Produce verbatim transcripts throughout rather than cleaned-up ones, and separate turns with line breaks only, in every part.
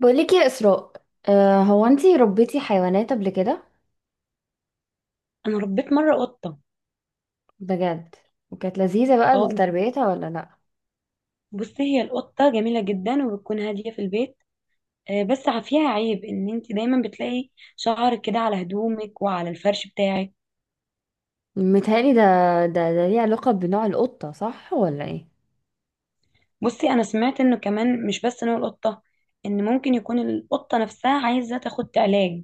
بقولك يا إسراء. آه هو انتي ربيتي حيوانات قبل كده؟
انا ربيت مره قطه.
بجد؟ وكانت لذيذة بقى
اه.
تربيتها ولا لأ؟
بصي، هي القطه جميله جدا وبتكون هاديه في البيت. آه، بس ع- فيها عيب ان انت دايما بتلاقي شعرك كده على هدومك وعلى الفرش بتاعك.
متهيألي ده. ده ده ليه علاقة بنوع القطة، صح ولا ايه؟
بصي، انا سمعت انه كمان مش بس نوع القطه، ان ممكن يكون القطه نفسها عايزه تاخد علاج،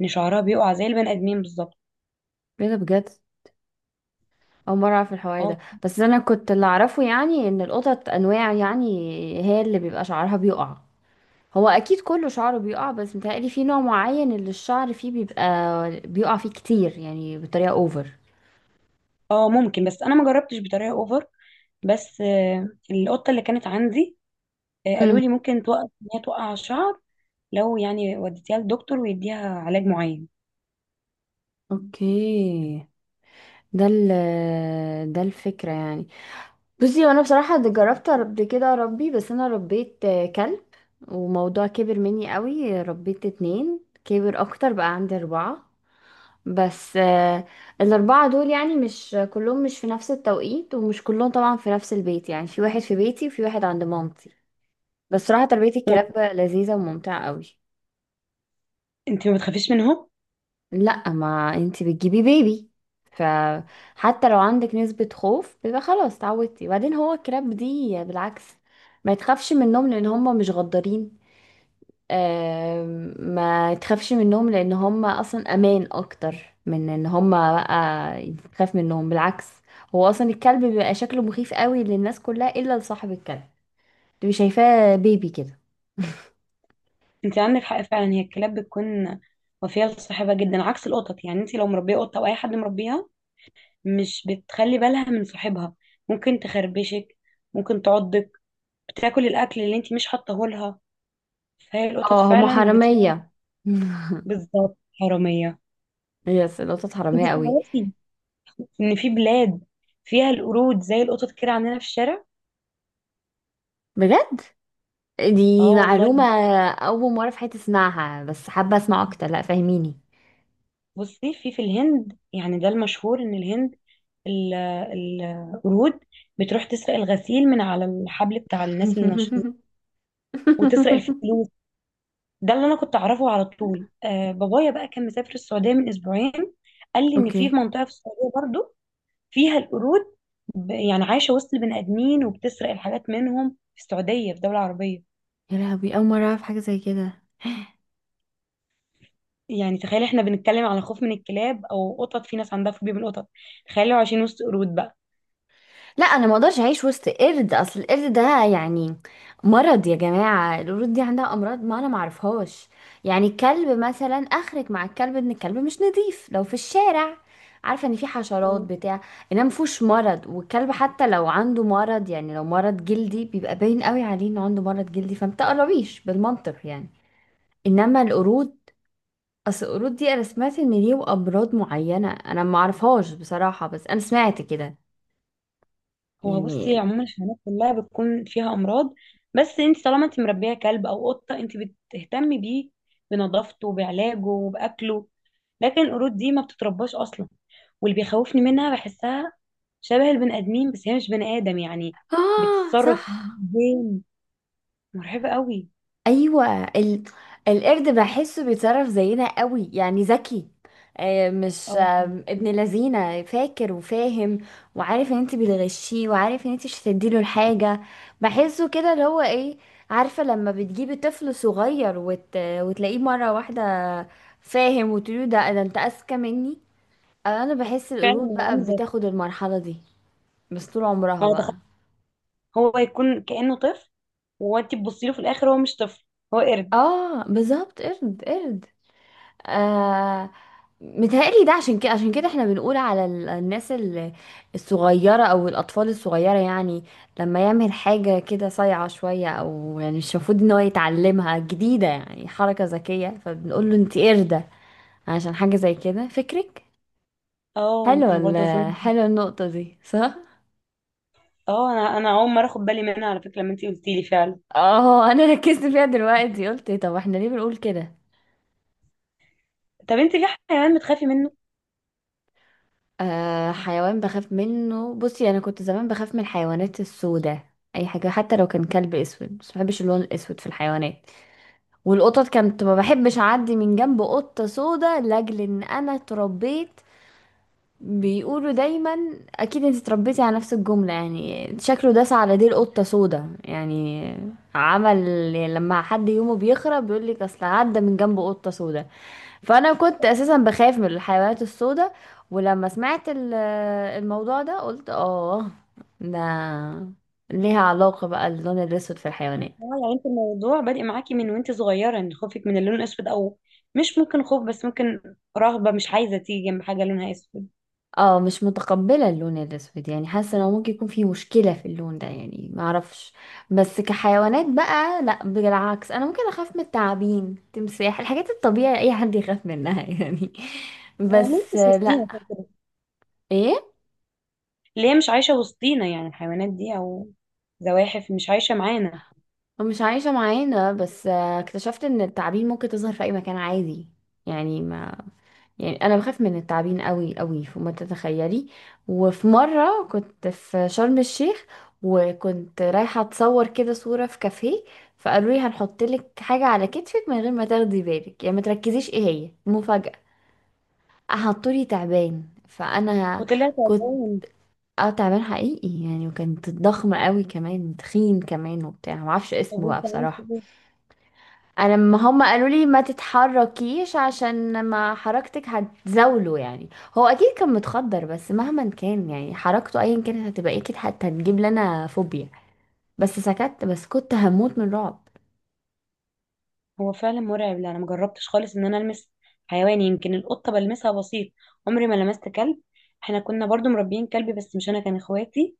ان شعرها بيقع زي البني ادمين بالظبط.
ايه ده، بجد؟ أول مرة أعرف الحوار
اه.
ده، بس أنا كنت اللي أعرفه يعني إن القطط أنواع، يعني هي اللي بيبقى شعرها بيقع. هو أكيد كله شعره بيقع بس متهيألي في نوع معين اللي الشعر فيه بيبقى بيقع فيه كتير يعني بطريقة أوفر.
اه، ممكن، بس انا ما جربتش بطريقه اوفر. بس آه، القطه اللي كانت عندي آه، قالوا
امم،
لي ممكن توقف ان هي توقع الشعر لو يعني وديتيها للدكتور ويديها علاج معين.
اوكي. ده ال ده الفكرة يعني. بصي، وانا بصراحة ده جربت قبل كده اربي، بس انا ربيت آه، كلب. وموضوع كبر مني قوي، ربيت اتنين، كبر اكتر بقى عندي اربعة. بس آه، الاربعة دول يعني مش كلهم مش في نفس التوقيت ومش كلهم طبعا في نفس البيت، يعني في واحد في بيتي وفي واحد عند مامتي. بس صراحة تربية
وما
الكلاب
بت-
لذيذة وممتعة قوي.
انت ما بتخافيش منهم؟
لا، ما انتي بتجيبي بيبي، فحتى لو عندك نسبة خوف بيبقى خلاص اتعودتي. وبعدين هو الكراب دي بالعكس، ما تخافش منهم لان هم مش غدارين. آم، ما تخافش منهم لان هم اصلا امان اكتر من ان هم بقى تخاف منهم، بالعكس. هو اصلا الكلب بيبقى شكله مخيف قوي للناس كلها الا لصاحب الكلب، تبقي شايفاه بيبي كده.
انت عندك حق فعلا، هي الكلاب بتكون وفيه لصاحبها جدا عكس القطط، يعني انت لو مربيه قطه او اي حد مربيها مش بتخلي بالها من صاحبها. ممكن تخربشك، ممكن تعضك، بتاكل الاكل اللي انت مش حاطاه لها. فهي القطط
اه، هم
فعلا بتكون.
حرامية.
بالظبط، حراميه.
يس، القطط
انت
حرامية قوي.
تعرفي ان في بلاد فيها القرود زي القطط كده عندنا في الشارع؟
بجد؟ دي
اه والله.
معلومة. أول مرة في حياتي أسمعها، بس حابة أسمع أكتر، لأ، فاهميني.
بصي، في في الهند يعني ده المشهور، ان الهند ال- القرود بتروح تسرق الغسيل من على الحبل بتاع الناس النشيطين، وتسرق الفلوس. ده اللي انا كنت اعرفه على طول. آه بابايا بقى كان مسافر السعوديه من اسبوعين، قال لي ان في
اوكي.
منطقه في السعوديه برضو فيها القرود، ب- يعني عايشه وسط البني ادمين وبتسرق الحاجات منهم، في السعوديه في دوله عربيه.
يا لهوي، اول مره اعرف حاجه زي كده.
يعني تخيل، احنا بنتكلم على خوف من الكلاب او قطط، في ناس عندها فوبيا من القطط، تخيلوا عايشين وسط قرود بقى.
لا، انا ما اقدرش اعيش وسط قرد. اصل القرد ده يعني مرض يا جماعه، القرود دي عندها امراض ما انا ما اعرفهاش. يعني الكلب مثلا، اخرج مع الكلب، ان الكلب مش نظيف لو في الشارع، عارفه ان في حشرات بتاع، انما مفهوش مرض. والكلب حتى لو عنده مرض، يعني لو مرض جلدي بيبقى باين قوي عليه انه عنده مرض جلدي، فما تقربيش بالمنطق يعني. انما القرود، اصل القرود دي انا سمعت ان ليه امراض معينه انا ما اعرفهاش بصراحه، بس انا سمعت كده
هو بصي،
يعني.
عموما الحيوانات كلها بتكون فيها امراض، بس انت طالما انت مربيه كلب او قطه انت بتهتمي بيه، بنظافته وبعلاجه وباكله، لكن القرود دي ما بتترباش اصلا. واللي بيخوفني منها، بحسها شبه البني ادمين بس هي مش بني ادم يعني.
اه، صح.
بتتصرف زين، مرعبه قوي.
ايوه، ال... القرد بحسه بيتصرف زينا قوي، يعني ذكي. آه، مش
اه
آه، ابن لذينه، فاكر وفاهم وعارف ان انت بتغشيه وعارف ان انت مش هتديله الحاجه. بحسه كده اللي هو ايه، عارفه لما بتجيبي طفل صغير وت... وتلاقيه مره واحده فاهم وتقولي ده ده انت اذكى مني. انا بحس
فعلا،
القرود
هو عامل
بقى
زي،
بتاخد المرحله دي بس طول عمرها
يعني تخيل،
بقى.
هو يكون كانه طفل وانت تبصي له في الاخر هو مش طفل، هو قرد.
اه بالظبط، قرد قرد. آه. متهيألي ده عشان كده عشان كده احنا بنقول على ال- الناس ال- الصغيرة او الاطفال الصغيرة يعني، لما يعمل حاجة كده صايعة شوية او يعني مش المفروض ان هو يتعلمها، جديدة يعني حركة ذكية، فبنقول له انت قردة عشان حاجة زي كده، فكرك.
اه
حلوة
انا برضه
ال-
اظن.
حلوة النقطة دي، صح؟
اه، انا انا اول مره اخد بالي منها على فكره لما انت قلتي لي، فعلا.
اه، انا ركزت فيها دلوقتي، قلت طب احنا ليه بنقول كده.
طب انت في حيوان بتخافي منه؟
آه، حيوان بخاف منه؟ بصي، انا كنت زمان بخاف من الحيوانات السوداء، اي حاجه حتى لو كان كلب اسود، بس ما بحبش اللون الاسود في الحيوانات. والقطط كانت ما بحبش اعدي من جنب قطه سوداء، لاجل ان انا اتربيت، بيقولوا دايما، اكيد انت اتربيتي على نفس الجمله، يعني شكله داس على ديل قطه سوداء يعني عمل، يعني لما حد يومه بيخرب بيقول لك اصل عدى من جنب قطه سوداء. فانا كنت اساسا بخاف من الحيوانات السوداء، ولما سمعت ال- الموضوع ده قلت اه، ده ليها علاقة بقى اللون الاسود في الحيوانات.
اه، يعني انت الموضوع بادئ معاكي من وانت صغيره، ان خوفك من اللون الاسود، او مش ممكن خوف بس ممكن رهبه، مش عايزه تيجي جنب حاجه لونها اسود.
اه، مش متقبلة اللون الاسود، يعني حاسة انه
مم.
ممكن يكون في مشكلة في اللون ده يعني، معرفش. بس كحيوانات بقى لا، بالعكس، انا ممكن اخاف من التعابين، تمساح، الحاجات الطبيعية اي حد يخاف منها يعني،
هو ليه
بس
مش
لا.
وسطينا كده كده؟
ايه،
اللي هي مش عايشه وسطينا يعني الحيوانات دي، او زواحف مش عايشه معانا.
مش عايشة معانا. بس آه، اكتشفت ان التعابين ممكن تظهر في اي مكان عادي. يعني ما، يعني انا بخاف من التعابين قوي قوي، فما تتخيلي. وفي مرة كنت في شرم الشيخ، وكنت رايحة اتصور كده صورة في كافيه، فقالوا لي هنحط لك حاجة على كتفك من غير ما تاخدي بالك، يعني ما تركزيش ايه هي مفاجأة. حطوا لي تعبان، فانا
وطلعت
كنت،
عدوان.
اه، تعبان حقيقي يعني، وكانت ضخمة قوي كمان، تخين كمان، وبتاع، معرفش
طب
اسمه
وانت
بقى
عملت
بصراحة.
ايه؟
انا لما هم قالوا لي ما تتحركيش عشان ما حركتك هتزاوله يعني، هو اكيد كان متخدر بس مهما كان يعني حركته ايا كانت هتبقى اكيد حتى هتجيب لنا فوبيا، بس سكت، بس كنت هموت من رعب.
هو فعلا مرعب. لا انا مجربتش خالص ان انا المس حيوان، يمكن القطه بلمسها بسيط، عمري ما لمست كلب. احنا كنا برضو مربيين كلب بس مش انا، كان اخواتي.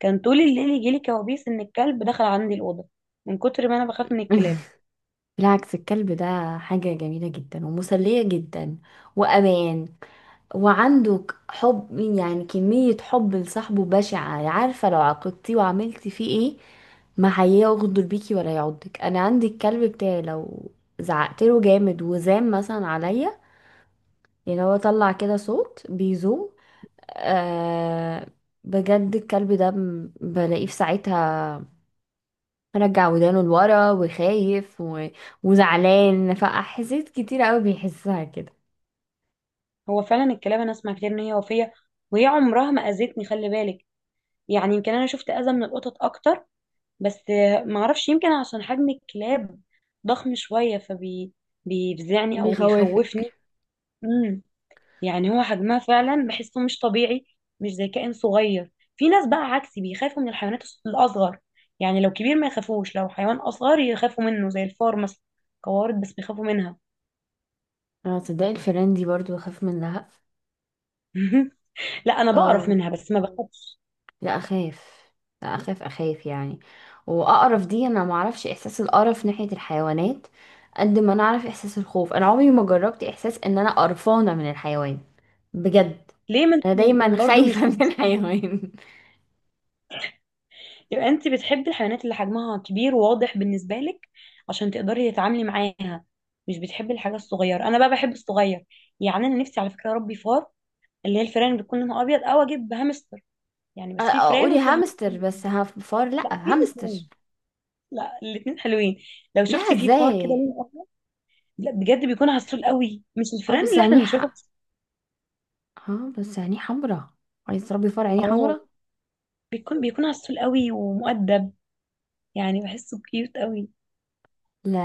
كان طول الليل يجيلي كوابيس ان الكلب دخل عندي الاوضه، من كتر ما انا بخاف من الكلاب.
بالعكس، الكلب ده حاجة جميلة جدا ومسلية جدا وأمان، وعنده ك- حب يعني، كمية حب لصاحبه بشعة يعني. عارفة لو عاقبتيه وعملتي فيه ايه، ما هيغدر بيكي ولا يعضك. انا عندي الكلب بتاعي لو زعقت له جامد وزام مثلا عليا، يعني هو طلع كده صوت بيزوم، آه، بجد الكلب ده م- بلاقيه في ساعتها رجع ودانه لورا وخايف و... وزعلان، فأحاسيس كتير قوي بيحسها كده.
هو فعلا الكلاب انا اسمع كتير ان هي وفيه، وهي عمرها ما اذتني خلي بالك، يعني يمكن انا شفت اذى من القطط اكتر، بس ما اعرفش، يمكن عشان حجم الكلاب ضخم شويه فبي، بيفزعني او
بيخوفك؟
بيخوفني. مم. يعني هو حجمها فعلا بحسه مش طبيعي، مش زي كائن صغير. في ناس بقى عكسي بيخافوا من الحيوانات الص- الأصغر، يعني لو كبير ما يخافوش، لو حيوان أصغر يخافوا منه، زي الفار مثلا، قوارض بس بيخافوا منها.
انا تصدقي الفيران دي برضو بخاف منها.
لا أنا بقرف
اه،
منها بس ما بخافش.
لا اخاف، لا اخاف اخاف يعني. واقرف دي انا ما اعرفش احساس القرف ناحية الحيوانات، قد ما انا اعرف احساس الخوف. انا عمري ما جربت احساس ان انا قرفانة من الحيوان، بجد.
ليه؟ ما انت
انا دايما
برضه مش
خايفة من
مش حابة-
الحيوان.
يبقى انت بتحبي الحيوانات اللي حجمها كبير وواضح بالنسبة لك، عشان تقدري تتعاملي معاها، مش بتحبي الحاجة الصغيرة. أنا بقى بحب الصغير، يعني أنا نفسي على فكرة أربي فار، اللي هي الفيران اللي بتكون لونها أبيض، أو أجيب هامستر، يعني
أ-
بس في فران
اقولي
وفيها
هامستر،
مكسوم.
بس هف- فار لا.
لا في
هامستر.
الاثنين، لا الاثنين حلوين. لو
لا
شفتي في فار كده
ازاي؟
لون احمر، لا بجد بيكون عسول قوي، مش
اه
الفران
بس
اللي احنا
عينيه
بنشوفها
ح...
بس.
اه بس عينيه حمرا، عايز تربي فار عينيه
اه،
حمرا؟
بيكون بيكون عسول قوي ومؤدب، يعني بحسه كيوت قوي.
لا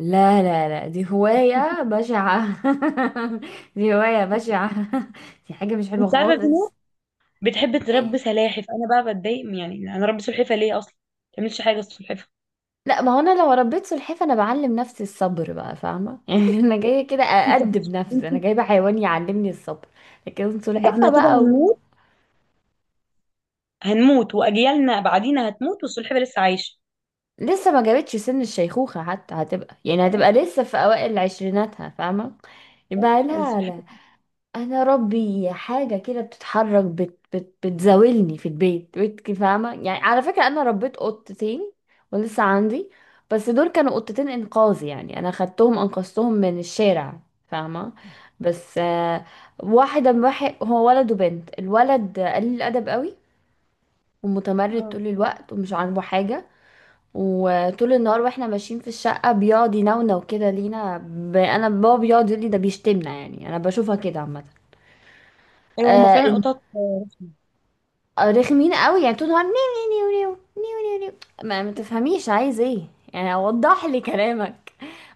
لا لا لا، دي هواية بشعة. دي هواية بشعة. دي حاجة مش حلوة
انت عارفه في ناس
خالص.
بتحب
ايه؟
تربي سلاحف؟ انا بقى بتضايق من- يعني انا ربي سلحفه ليه اصلا؟ ما تعملش حاجه السلحفه.
لا، ما هو انا لو ربيت سلحفاة انا بعلم نفسي الصبر بقى، فاهمة يعني، انا جاية كده
انت
اادب نفسي، انا
انت
جايبة حيوان يعلمني الصبر. لكن
ده احنا
سلحفاة
كده
بقى و...
هنموت، هنموت واجيالنا بعدينا هتموت والسلحفه لسه عايشه.
لسه ما جابتش سن الشيخوخة حتى، هتبقى يعني
آه،
هتبقى لسه في اوائل عشريناتها فاهمة.
آه،
يبقى لها
السلحفه.
لا. انا ربي حاجه كده بتتحرك، بت بت بتزاولني في البيت، بيت كي- فاهمه يعني. على فكره، انا ربيت قطتين ولسه عندي، بس دول كانوا قطتين انقاذ يعني، انا خدتهم انقذتهم من الشارع فاهمه. بس آه، واحده واحد هو ولد وبنت، الولد قليل الادب قوي ومتمرد
اه،
طول الوقت ومش عاجبه حاجه. وطول النهار واحنا ماشيين في الشقه بيقعد ينونو كده لينا ب... انا بابا بيقعد يقول لي ده بيشتمنا يعني، انا بشوفها كده عامه.
ايوه هما
آه،
فعلا قطط.
آه، رخمين قوي يعني، طول النهار نيو نيو نيو نيو نيو نيو، ما ما تفهميش عايز ايه يعني، وضح لي كلامك،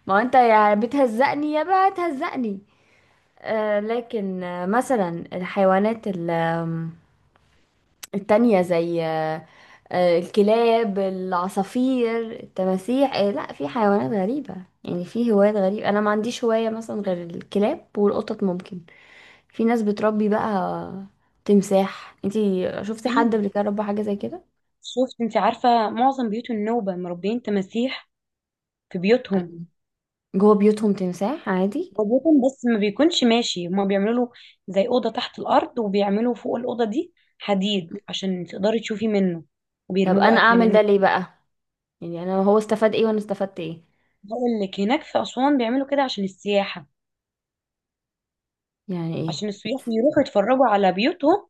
ما هو انت يا بتهزقني يا بقى هتهزقني. آه، لكن آه مثلا الحيوانات ال- آم، التانية زي آه، آه، الكلاب، العصافير، التماسيح، آه لا، في حيوانات غريبة يعني. في هوايات غريبة، أنا ما عنديش هواية مثلا غير الكلاب والقطط. ممكن في ناس بتربي بقى تمساح، انتي شفتي حد
في،
قبل كده ربى حاجة زي كده؟
شفت انت عارفة معظم بيوت النوبة مربيين تماسيح في بيوتهم؟
أنا- جوه بيوتهم تمساح عادي؟
ربوتهم بس ما بيكونش ماشي، هما بيعملوا له زي أوضة تحت الأرض وبيعملوا فوق الأوضة دي حديد عشان تقدري تشوفي منه،
طب
وبيرموا له
انا
أكل
اعمل ده
منه.
ليه بقى، يعني انا هو استفاد ايه وانا استفدت ايه؟
هقول لك، هناك في أسوان بيعملوا كده عشان السياحة،
يعني ايه؟
عشان السياح بيروحوا يتفرجوا على بيوتهم،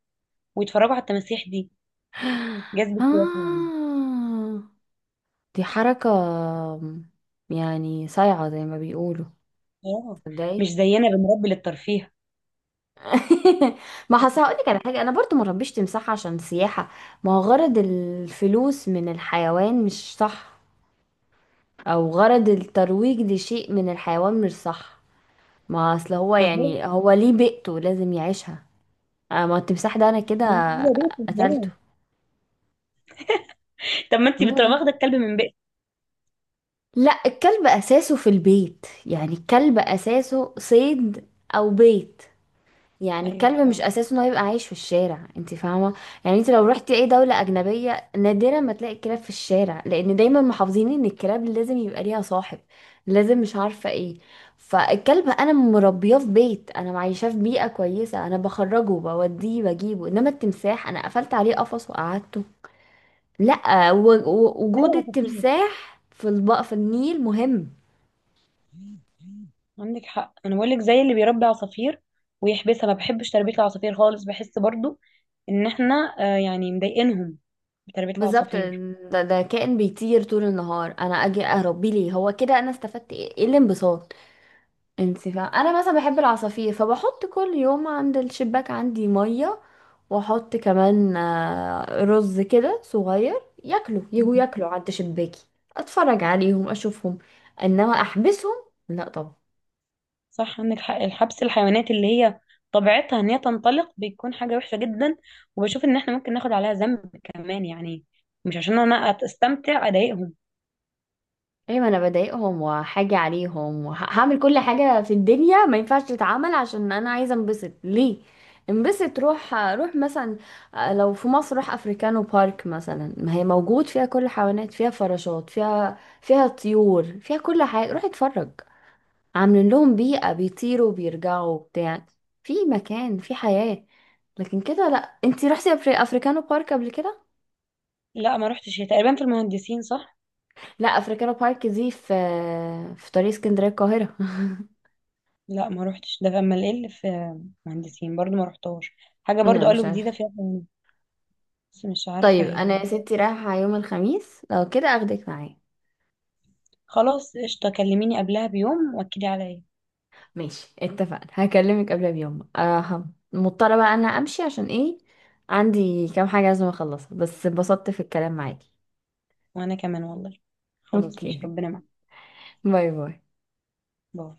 ويتفرجوا على التماسيح دي. جذب سياحي يعني.
آه، دي حركة يعني صايعة زي ما بيقولوا.
اه،
تصدقي؟
مش زينا بنربي للترفيه.
ما حصل، هقولك على حاجة، أنا برضو ما ربيش تمساح عشان سياحة. ما هو غرض الفلوس من الحيوان مش صح، أو غرض الترويج لشيء من الحيوان مش صح. ما أصل هو
ما هو
يعني هو ليه بيئته لازم يعيشها. آه، ما هو التمساح ده انا كده
ما هو بيت
قتلته.
الناس. طب ما انت
مين هو
بتروحي واخدة
ده؟
الكلب من بيت.
لا، الكلب اساسه في البيت، يعني الكلب اساسه صيد او بيت، يعني
ايوه
الكلب مش
فعلا،
اساسه انه يبقى عايش في الشارع، انت فاهمه. يعني انت لو رحتي اي دوله اجنبيه نادرا ما تلاقي الكلاب في الشارع، لان دايما محافظين ان الكلاب لازم يبقى ليها صاحب، لازم مش عارفه ايه. فالكلب انا مربيه في بيت، انا معيشاه في بيئه كويسه، انا بخرجه بوديه بجيبه، انما التمساح انا قفلت عليه قفص وقعدته. لا، و- و-
زي
وجود
العصافير.
التمساح في الب... في النيل مهم.
عندك حق، انا بقول لك زي اللي بيربي عصافير ويحبسها، ما بحبش تربيه العصافير خالص، بحس برضو ان احنا آه يعني مضايقينهم بتربيه
بالظبط،
العصافير.
ده, ده كائن بيطير طول النهار انا اجي اربيه ليه؟ هو كده انا استفدت ايه، إيه الانبساط؟ انت فاهم، انا مثلا بحب العصافير فبحط كل يوم عند الشباك عندي ميه، واحط كمان آه، رز كده صغير ياكلوا، يجوا
مم.
ياكلوا عند شباكي، اتفرج عليهم، اشوفهم. انما احبسهم، لا.
صح، عندك حق، الحبس الحيوانات اللي هي طبيعتها ان هي تنطلق بيكون حاجه وحشه جدا، وبشوف ان احنا ممكن ناخد عليها ذنب كمان يعني، مش عشان انا استمتع اضايقهم.
ايوه، ما انا بضايقهم وحاجة عليهم، وهعمل كل حاجة في الدنيا ما ينفعش تتعمل عشان انا عايزة انبسط، ليه؟ انبسط روح، روح مثلا، آه، لو في مصر روح افريكانو بارك مثلا، ما هي موجود فيها كل حيوانات، فيها فراشات، فيها فيها طيور، فيها كل حاجة، روح اتفرج، عاملين لهم بيئة بيطيروا بيرجعوا بتاع، في مكان، في حياة. لكن كده لا. انتي رحتي أفري- افريكانو بارك قبل كده؟
لا ما روحتش، هي تقريبا في المهندسين صح؟
لا، افريكانو بارك دي في في طريق اسكندرية القاهرة.
لا ما روحتش، ده في امال ايه اللي في مهندسين برضو ما روحتهاش؟ حاجه
لا،
برضو
مش
قالوا جديده
عارفة.
فيها، بس مش عارفه
طيب انا يا
هي.
ستي رايحة يوم الخميس، لو كده اخدك معايا.
خلاص قشطة، كلميني قبلها بيوم واكدي عليا.
ماشي، اتفقنا، هكلمك قبلها بيوم. أه، هم- مضطرة بقى انا امشي عشان ايه، عندي كام حاجة لازم اخلصها، بس اتبسطت في الكلام معاكي.
وانا كمان والله. خلاص،
اوكي.
مش ربنا معاك.
باي باي.
باي.